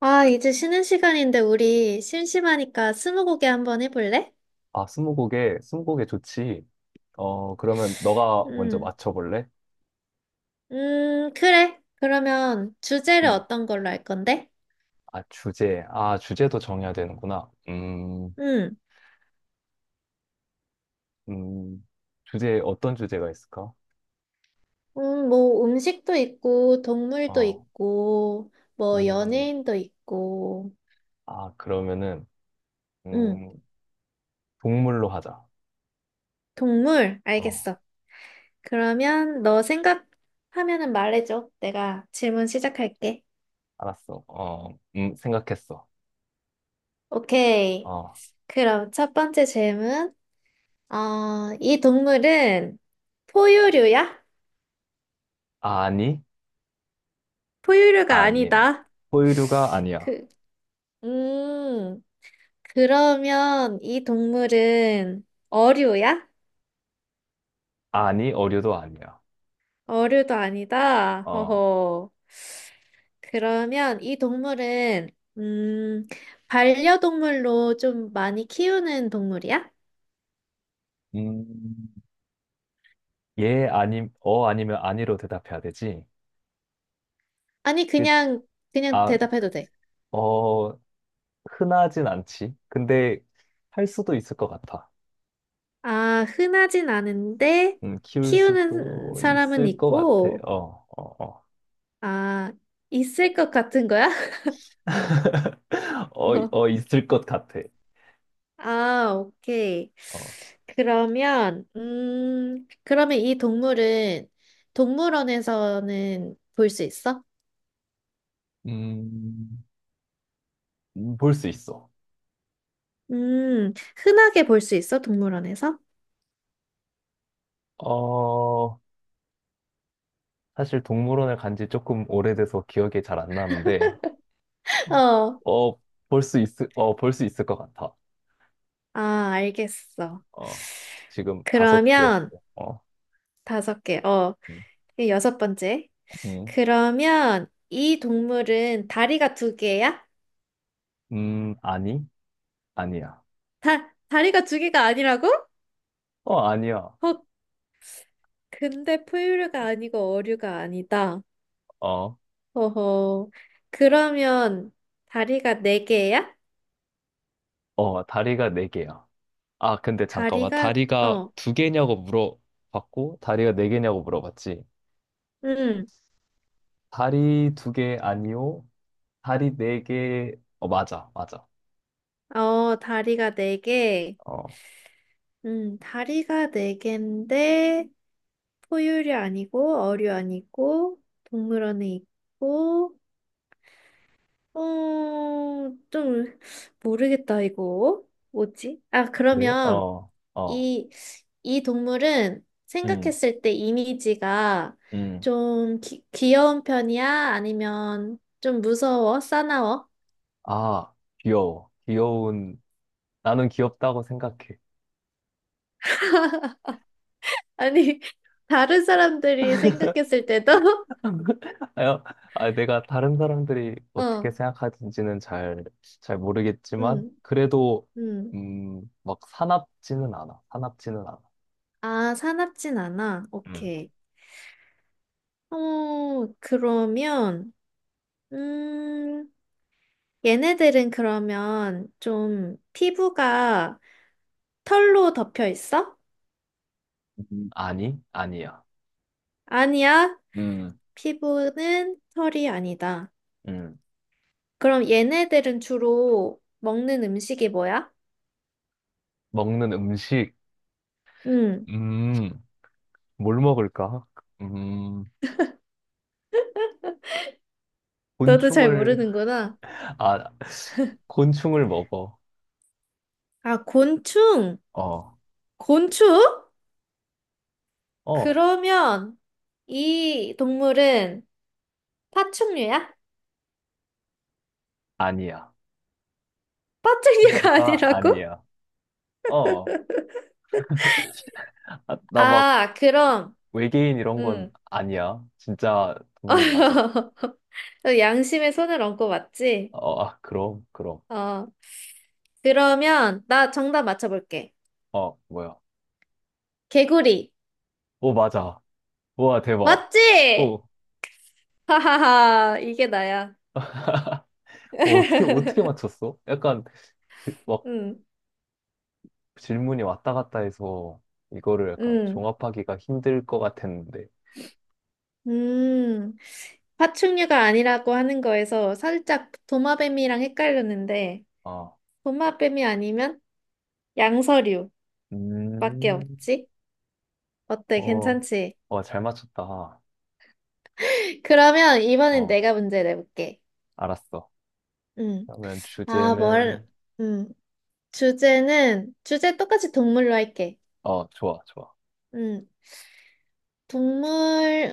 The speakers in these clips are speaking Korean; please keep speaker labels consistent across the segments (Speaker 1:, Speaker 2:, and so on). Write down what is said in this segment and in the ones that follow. Speaker 1: 아, 이제 쉬는 시간인데 우리 심심하니까 스무고개 한번 해볼래?
Speaker 2: 아, 스무고개, 스무고개 좋지. 어, 그러면 너가 먼저
Speaker 1: 음,
Speaker 2: 맞춰볼래?
Speaker 1: 그래. 그러면 주제를
Speaker 2: 음,
Speaker 1: 어떤 걸로 할 건데?
Speaker 2: 아, 주제. 아, 주제도 정해야 되는구나.
Speaker 1: 음,
Speaker 2: 음, 주제, 어떤 주제가 있을까?
Speaker 1: 뭐 음식도 있고, 동물도
Speaker 2: 어,
Speaker 1: 있고, 뭐
Speaker 2: 음,
Speaker 1: 연예인도 있고,
Speaker 2: 아, 그러면은,
Speaker 1: 음,
Speaker 2: 음, 동물로 하자.
Speaker 1: 동물,
Speaker 2: 어,
Speaker 1: 알겠어. 그러면 너 생각하면은 말해줘. 내가 질문 시작할게.
Speaker 2: 알았어. 어, 생각했어.
Speaker 1: 오케이.
Speaker 2: 어,
Speaker 1: 그럼 첫 번째 질문. 어, 이 동물은 포유류야?
Speaker 2: 아니?
Speaker 1: 포유류가
Speaker 2: 아니야.
Speaker 1: 아니다.
Speaker 2: 포유류가 아니야.
Speaker 1: 그, 음, 그러면 이 동물은 어류야?
Speaker 2: 아니, 어류도 아니야.
Speaker 1: 어류도 아니다.
Speaker 2: 어,
Speaker 1: 허허. 그러면 이 동물은, 음, 반려동물로 좀 많이 키우는 동물이야?
Speaker 2: 음, 예, 아니 어, 아니면 아니로 대답해야 되지?
Speaker 1: 아니, 그냥, 그냥
Speaker 2: 아,
Speaker 1: 대답해도 돼.
Speaker 2: 어, 흔하진 않지. 근데 할 수도 있을 것 같아.
Speaker 1: 아, 흔하진 않은데,
Speaker 2: 키울
Speaker 1: 키우는
Speaker 2: 수도
Speaker 1: 사람은
Speaker 2: 있을 것 같아.
Speaker 1: 있고,
Speaker 2: 어, 어, 어.
Speaker 1: 아, 있을 것 같은 거야?
Speaker 2: 어, 어, 있을 것 같아.
Speaker 1: 아, 오케이.
Speaker 2: 어,
Speaker 1: 그러면, 그러면 이 동물은 동물원에서는 볼 수 있어?
Speaker 2: 음, 볼 수 있어.
Speaker 1: 음, 흔하게 볼 수 있어, 동물원에서?
Speaker 2: 어, 사실 동물원을 간지 조금 오래돼서 기억이 잘 안 나는데,
Speaker 1: 어,
Speaker 2: 어, 볼 수 있, 어, 볼 수 있을 것 같아.
Speaker 1: 아, 알겠어.
Speaker 2: 어, 지금 5개 했어.
Speaker 1: 그러면
Speaker 2: 어,
Speaker 1: 다섯 개, 어,
Speaker 2: 음,
Speaker 1: 이게 여섯 번째.
Speaker 2: 음,
Speaker 1: 그러면 이 동물은 다리가 두 개야?
Speaker 2: 아니? 아니야.
Speaker 1: 다리가 두 개가 아니라고?
Speaker 2: 어, 아니야.
Speaker 1: 어, 근데 포유류가 아니고 어류가 아니다.
Speaker 2: 어.
Speaker 1: 어허. 그러면 다리가 네 개야?
Speaker 2: 어, 다리가 4개야. 아, 근데 잠깐만.
Speaker 1: 다리가
Speaker 2: 다리가
Speaker 1: 어,
Speaker 2: 2개냐고 물어봤고, 다리가 4개냐고 물어봤지.
Speaker 1: 응
Speaker 2: 다리 2개 아니요? 다리 4개 어, 맞아, 맞아.
Speaker 1: 어, 다리가 네 개.
Speaker 2: 어,
Speaker 1: 다리가 네 개인데 포유류 아니고 어류 아니고 동물원에 있고 어, 좀 모르겠다 이거. 뭐지? 아,
Speaker 2: 그래?
Speaker 1: 그러면
Speaker 2: 어, 어,
Speaker 1: 이, 이 동물은
Speaker 2: 음,
Speaker 1: 생각했을 때 이미지가
Speaker 2: 음.
Speaker 1: 좀 귀 귀여운 편이야? 아니면 좀 무서워? 사나워?
Speaker 2: 아, 귀여워. 귀여운, 나는 귀엽다고 생각해.
Speaker 1: 아니, 다른 사람들이 생각했을 때도?
Speaker 2: 아, 아, 내가 다른 사람들이 어떻게
Speaker 1: 어,
Speaker 2: 생각하는지는 잘, 잘 모르겠지만,
Speaker 1: 음,
Speaker 2: 그래도,
Speaker 1: 음.
Speaker 2: 막 사납지는 않아. 사납지는 않아.
Speaker 1: 아, 사납진 않아.
Speaker 2: 응.
Speaker 1: 오케이. 어, 그러면, 음, 얘네들은 그러면 좀 피부가 털로 덮여 있어?
Speaker 2: 아니, 아니야.
Speaker 1: 아니야.
Speaker 2: 음,
Speaker 1: 피부는 털이 아니다.
Speaker 2: 음,
Speaker 1: 그럼 얘네들은 주로 먹는 음식이 뭐야?
Speaker 2: 먹는 음식,
Speaker 1: 응,
Speaker 2: 음, 뭘 먹을까? 음,
Speaker 1: 너도 잘
Speaker 2: 곤충을,
Speaker 1: 모르는구나.
Speaker 2: 아, 곤충을 먹어.
Speaker 1: 아, 곤충!
Speaker 2: 어,
Speaker 1: 곤충?
Speaker 2: 어,
Speaker 1: 그러면 이 동물은 파충류야?
Speaker 2: 아니야.
Speaker 1: 파충류가
Speaker 2: 종류가
Speaker 1: 아니라고?
Speaker 2: 아니야. 어, 아, 나막
Speaker 1: 아,
Speaker 2: 어,
Speaker 1: 그럼,
Speaker 2: 외계인 이런
Speaker 1: 응.
Speaker 2: 건 아니야. 진짜 동물 맞아.
Speaker 1: 양심에 손을 얹고 맞지?
Speaker 2: 어, 아, 그럼, 그럼.
Speaker 1: 어, 그러면 나 정답 맞춰볼게.
Speaker 2: 어, 뭐야.
Speaker 1: 개구리.
Speaker 2: 오, 맞아. 우와, 대박. 어,
Speaker 1: 맞지?
Speaker 2: 어,
Speaker 1: 하하하, 이게 나야.
Speaker 2: 어떻게, 어떻게 맞췄어? 약간, 그, 막,
Speaker 1: 응,
Speaker 2: 질문이 왔다 갔다 해서 이거를 약간
Speaker 1: 응.
Speaker 2: 종합하기가 힘들 것 같았는데,
Speaker 1: 음, 파충류가 아니라고 하는 거에서 살짝 도마뱀이랑 헷갈렸는데,
Speaker 2: 아,
Speaker 1: 도마뱀이 아니면 양서류밖에
Speaker 2: 음,
Speaker 1: 없지? 어때?
Speaker 2: 어,
Speaker 1: 괜찮지?
Speaker 2: 어, 잘 맞췄다.
Speaker 1: 그러면 이번엔
Speaker 2: 어,
Speaker 1: 내가 문제 내볼게.
Speaker 2: 알았어.
Speaker 1: 음.
Speaker 2: 그러면
Speaker 1: 아, 뭘,
Speaker 2: 주제는,
Speaker 1: 음. 주제는, 주제 똑같이 동물로 할게.
Speaker 2: 어, 좋아, 좋아.
Speaker 1: 음. 동물,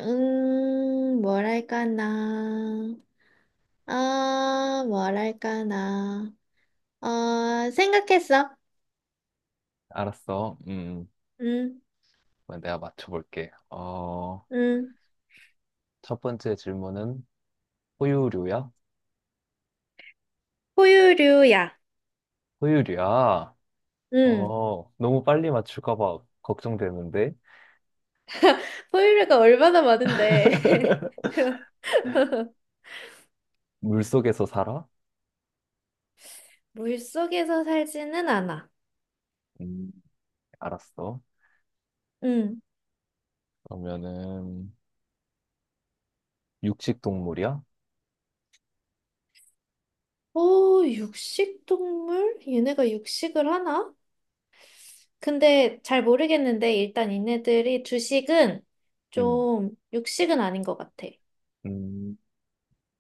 Speaker 1: 뭘 할까나. 아, 뭘 할까나. 어, 생각했어.
Speaker 2: 알았어.
Speaker 1: 음,
Speaker 2: 그럼 내가 맞춰볼게. 어,
Speaker 1: 음.
Speaker 2: 첫 번째 질문은 호유류야?
Speaker 1: 포유류야.
Speaker 2: 호유류야?
Speaker 1: 응.
Speaker 2: 어, 너무 빨리 맞출까 봐 걱정되는데,
Speaker 1: 포유류가 얼마나 많은데.
Speaker 2: 물속에서 살아?
Speaker 1: 물속에서 살지는 않아.
Speaker 2: 음, 알았어.
Speaker 1: 응.
Speaker 2: 그러면은, 육식 동물이야?
Speaker 1: 오, 육식동물? 얘네가 육식을 하나? 근데 잘 모르겠는데, 일단 얘네들이 주식은
Speaker 2: 음.
Speaker 1: 좀 육식은 아닌 것 같아.
Speaker 2: 음,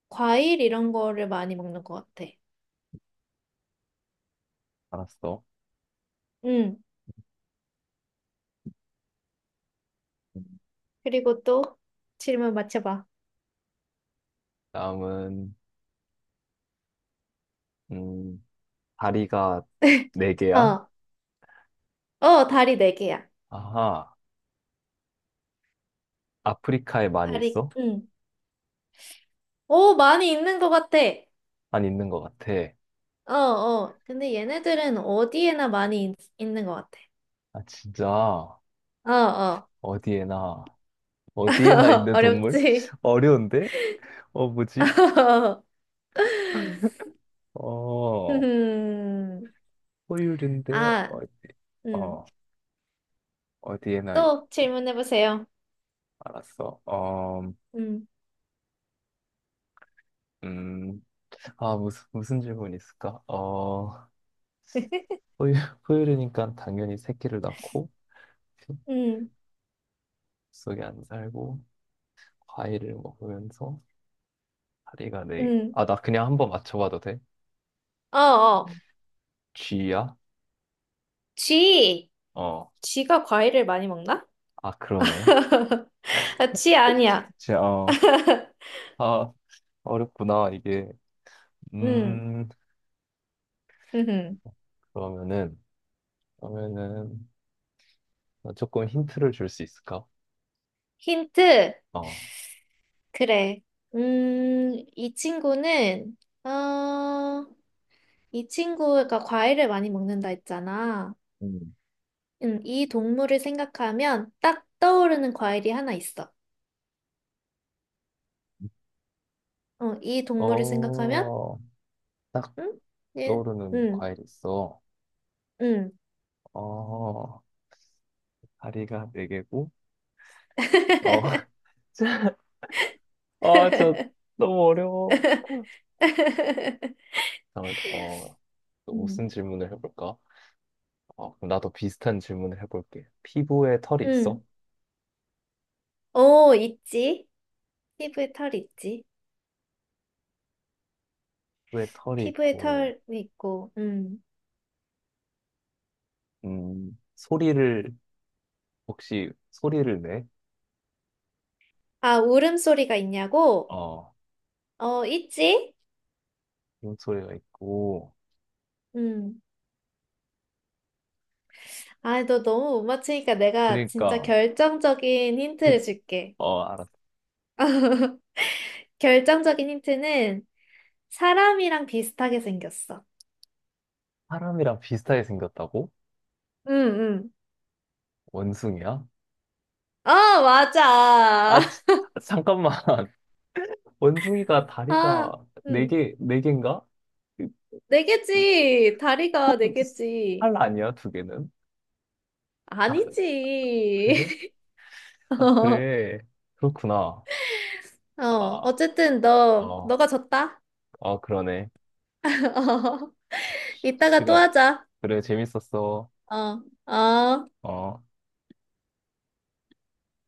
Speaker 1: 과일 이런 거를 많이 먹는 것 같아.
Speaker 2: 알았어.
Speaker 1: 응. 그리고 또 질문 맞춰봐.
Speaker 2: 다음은, 음, 다리가 4개야?
Speaker 1: 어, 어, 다리 네 개야.
Speaker 2: 아하, 아프리카에 많이
Speaker 1: 다리,
Speaker 2: 있어?
Speaker 1: 응. 오, 많이 있는 것 같아.
Speaker 2: 안 있는 것 같아.
Speaker 1: 어, 어. 근데 얘네들은 어디에나 많이 있는 것 같아.
Speaker 2: 아, 진짜,
Speaker 1: 어, 어.
Speaker 2: 어디에나, 어디에나 있는 동물?
Speaker 1: 어렵지?
Speaker 2: 어려운데? 어, 뭐지? 어,
Speaker 1: 음.
Speaker 2: 포유류인데,
Speaker 1: 아,
Speaker 2: 어,
Speaker 1: 음.
Speaker 2: 어, 어디에나
Speaker 1: 또
Speaker 2: 있어.
Speaker 1: 질문해보세요.
Speaker 2: 알았어. 어,
Speaker 1: 음.
Speaker 2: 음, 아, 무슨, 무슨 질문이 있을까? 어, 포유, 포유류니까 당연히 새끼를 낳고,
Speaker 1: 음.
Speaker 2: 속에 안 살고, 과일을 먹으면서 다리가 네.
Speaker 1: 음.
Speaker 2: 아, 나 그냥 한번 맞춰봐도 돼?
Speaker 1: 어, 어.
Speaker 2: G야?
Speaker 1: 쥐.
Speaker 2: 어.
Speaker 1: 쥐가 과일을 많이 먹나?
Speaker 2: 아, 그러네.
Speaker 1: 아, 쥐 아니야.
Speaker 2: 진짜 어. 아, 어렵구나, 이게.
Speaker 1: 음.
Speaker 2: 음,
Speaker 1: 음.
Speaker 2: 그러면은, 그러면은, 나 조금 힌트를 줄 수 있을까?
Speaker 1: 힌트.
Speaker 2: 어.
Speaker 1: 그래. 이 친구는, 어, 이 친구가 과일을 많이 먹는다 했잖아.
Speaker 2: 음.
Speaker 1: 이 동물을 생각하면 딱 떠오르는 과일이 하나 있어. 어, 이 동물을 생각하면,
Speaker 2: 어, 딱
Speaker 1: 응? 예,
Speaker 2: 떠오르는
Speaker 1: 응,
Speaker 2: 과일 있어.
Speaker 1: 응,
Speaker 2: 어, 다리가 4개고, 어, 아, 저 너무 어려워. 잠깐만, 어, 또
Speaker 1: 응,
Speaker 2: 무슨 질문을 해볼까? 어, 그럼 나도 비슷한 질문을 해볼게. 피부에 털이 있어?
Speaker 1: 응. 오, 있지. 피부에 털 있지.
Speaker 2: 피부에 털이
Speaker 1: 피부에
Speaker 2: 있고,
Speaker 1: 털이 있고,
Speaker 2: 소리를, 혹시 소리를 내?
Speaker 1: 아, 울음소리가 있냐고?
Speaker 2: 어,
Speaker 1: 어, 있지?
Speaker 2: 이런 소리가 있고,
Speaker 1: 음. 아, 너 너무 못 맞추니까 내가 진짜
Speaker 2: 그러니까,
Speaker 1: 결정적인
Speaker 2: 피-
Speaker 1: 힌트를 줄게.
Speaker 2: 어, 알았어.
Speaker 1: 결정적인 힌트는 사람이랑 비슷하게 생겼어.
Speaker 2: 사람이랑 비슷하게 생겼다고?
Speaker 1: 응, 응.
Speaker 2: 원숭이야?
Speaker 1: 아, 맞아.
Speaker 2: 아, 지- 잠깐만. 원숭이가
Speaker 1: 아,
Speaker 2: 다리가 네
Speaker 1: 응.
Speaker 2: 개, 네 개인가?
Speaker 1: 네 개지. 다리가 네 개지.
Speaker 2: 팔 아니야, 2개는? 아, 그래?
Speaker 1: 아니지.
Speaker 2: 아, 그래. 그렇구나.
Speaker 1: 어,
Speaker 2: 아,
Speaker 1: 어쨌든 너,
Speaker 2: 어,
Speaker 1: 너가 졌다.
Speaker 2: 어, 그러네.
Speaker 1: 이따가 또
Speaker 2: 시간.
Speaker 1: 하자.
Speaker 2: 그래, 재밌었어.
Speaker 1: 어, 어.
Speaker 2: 어.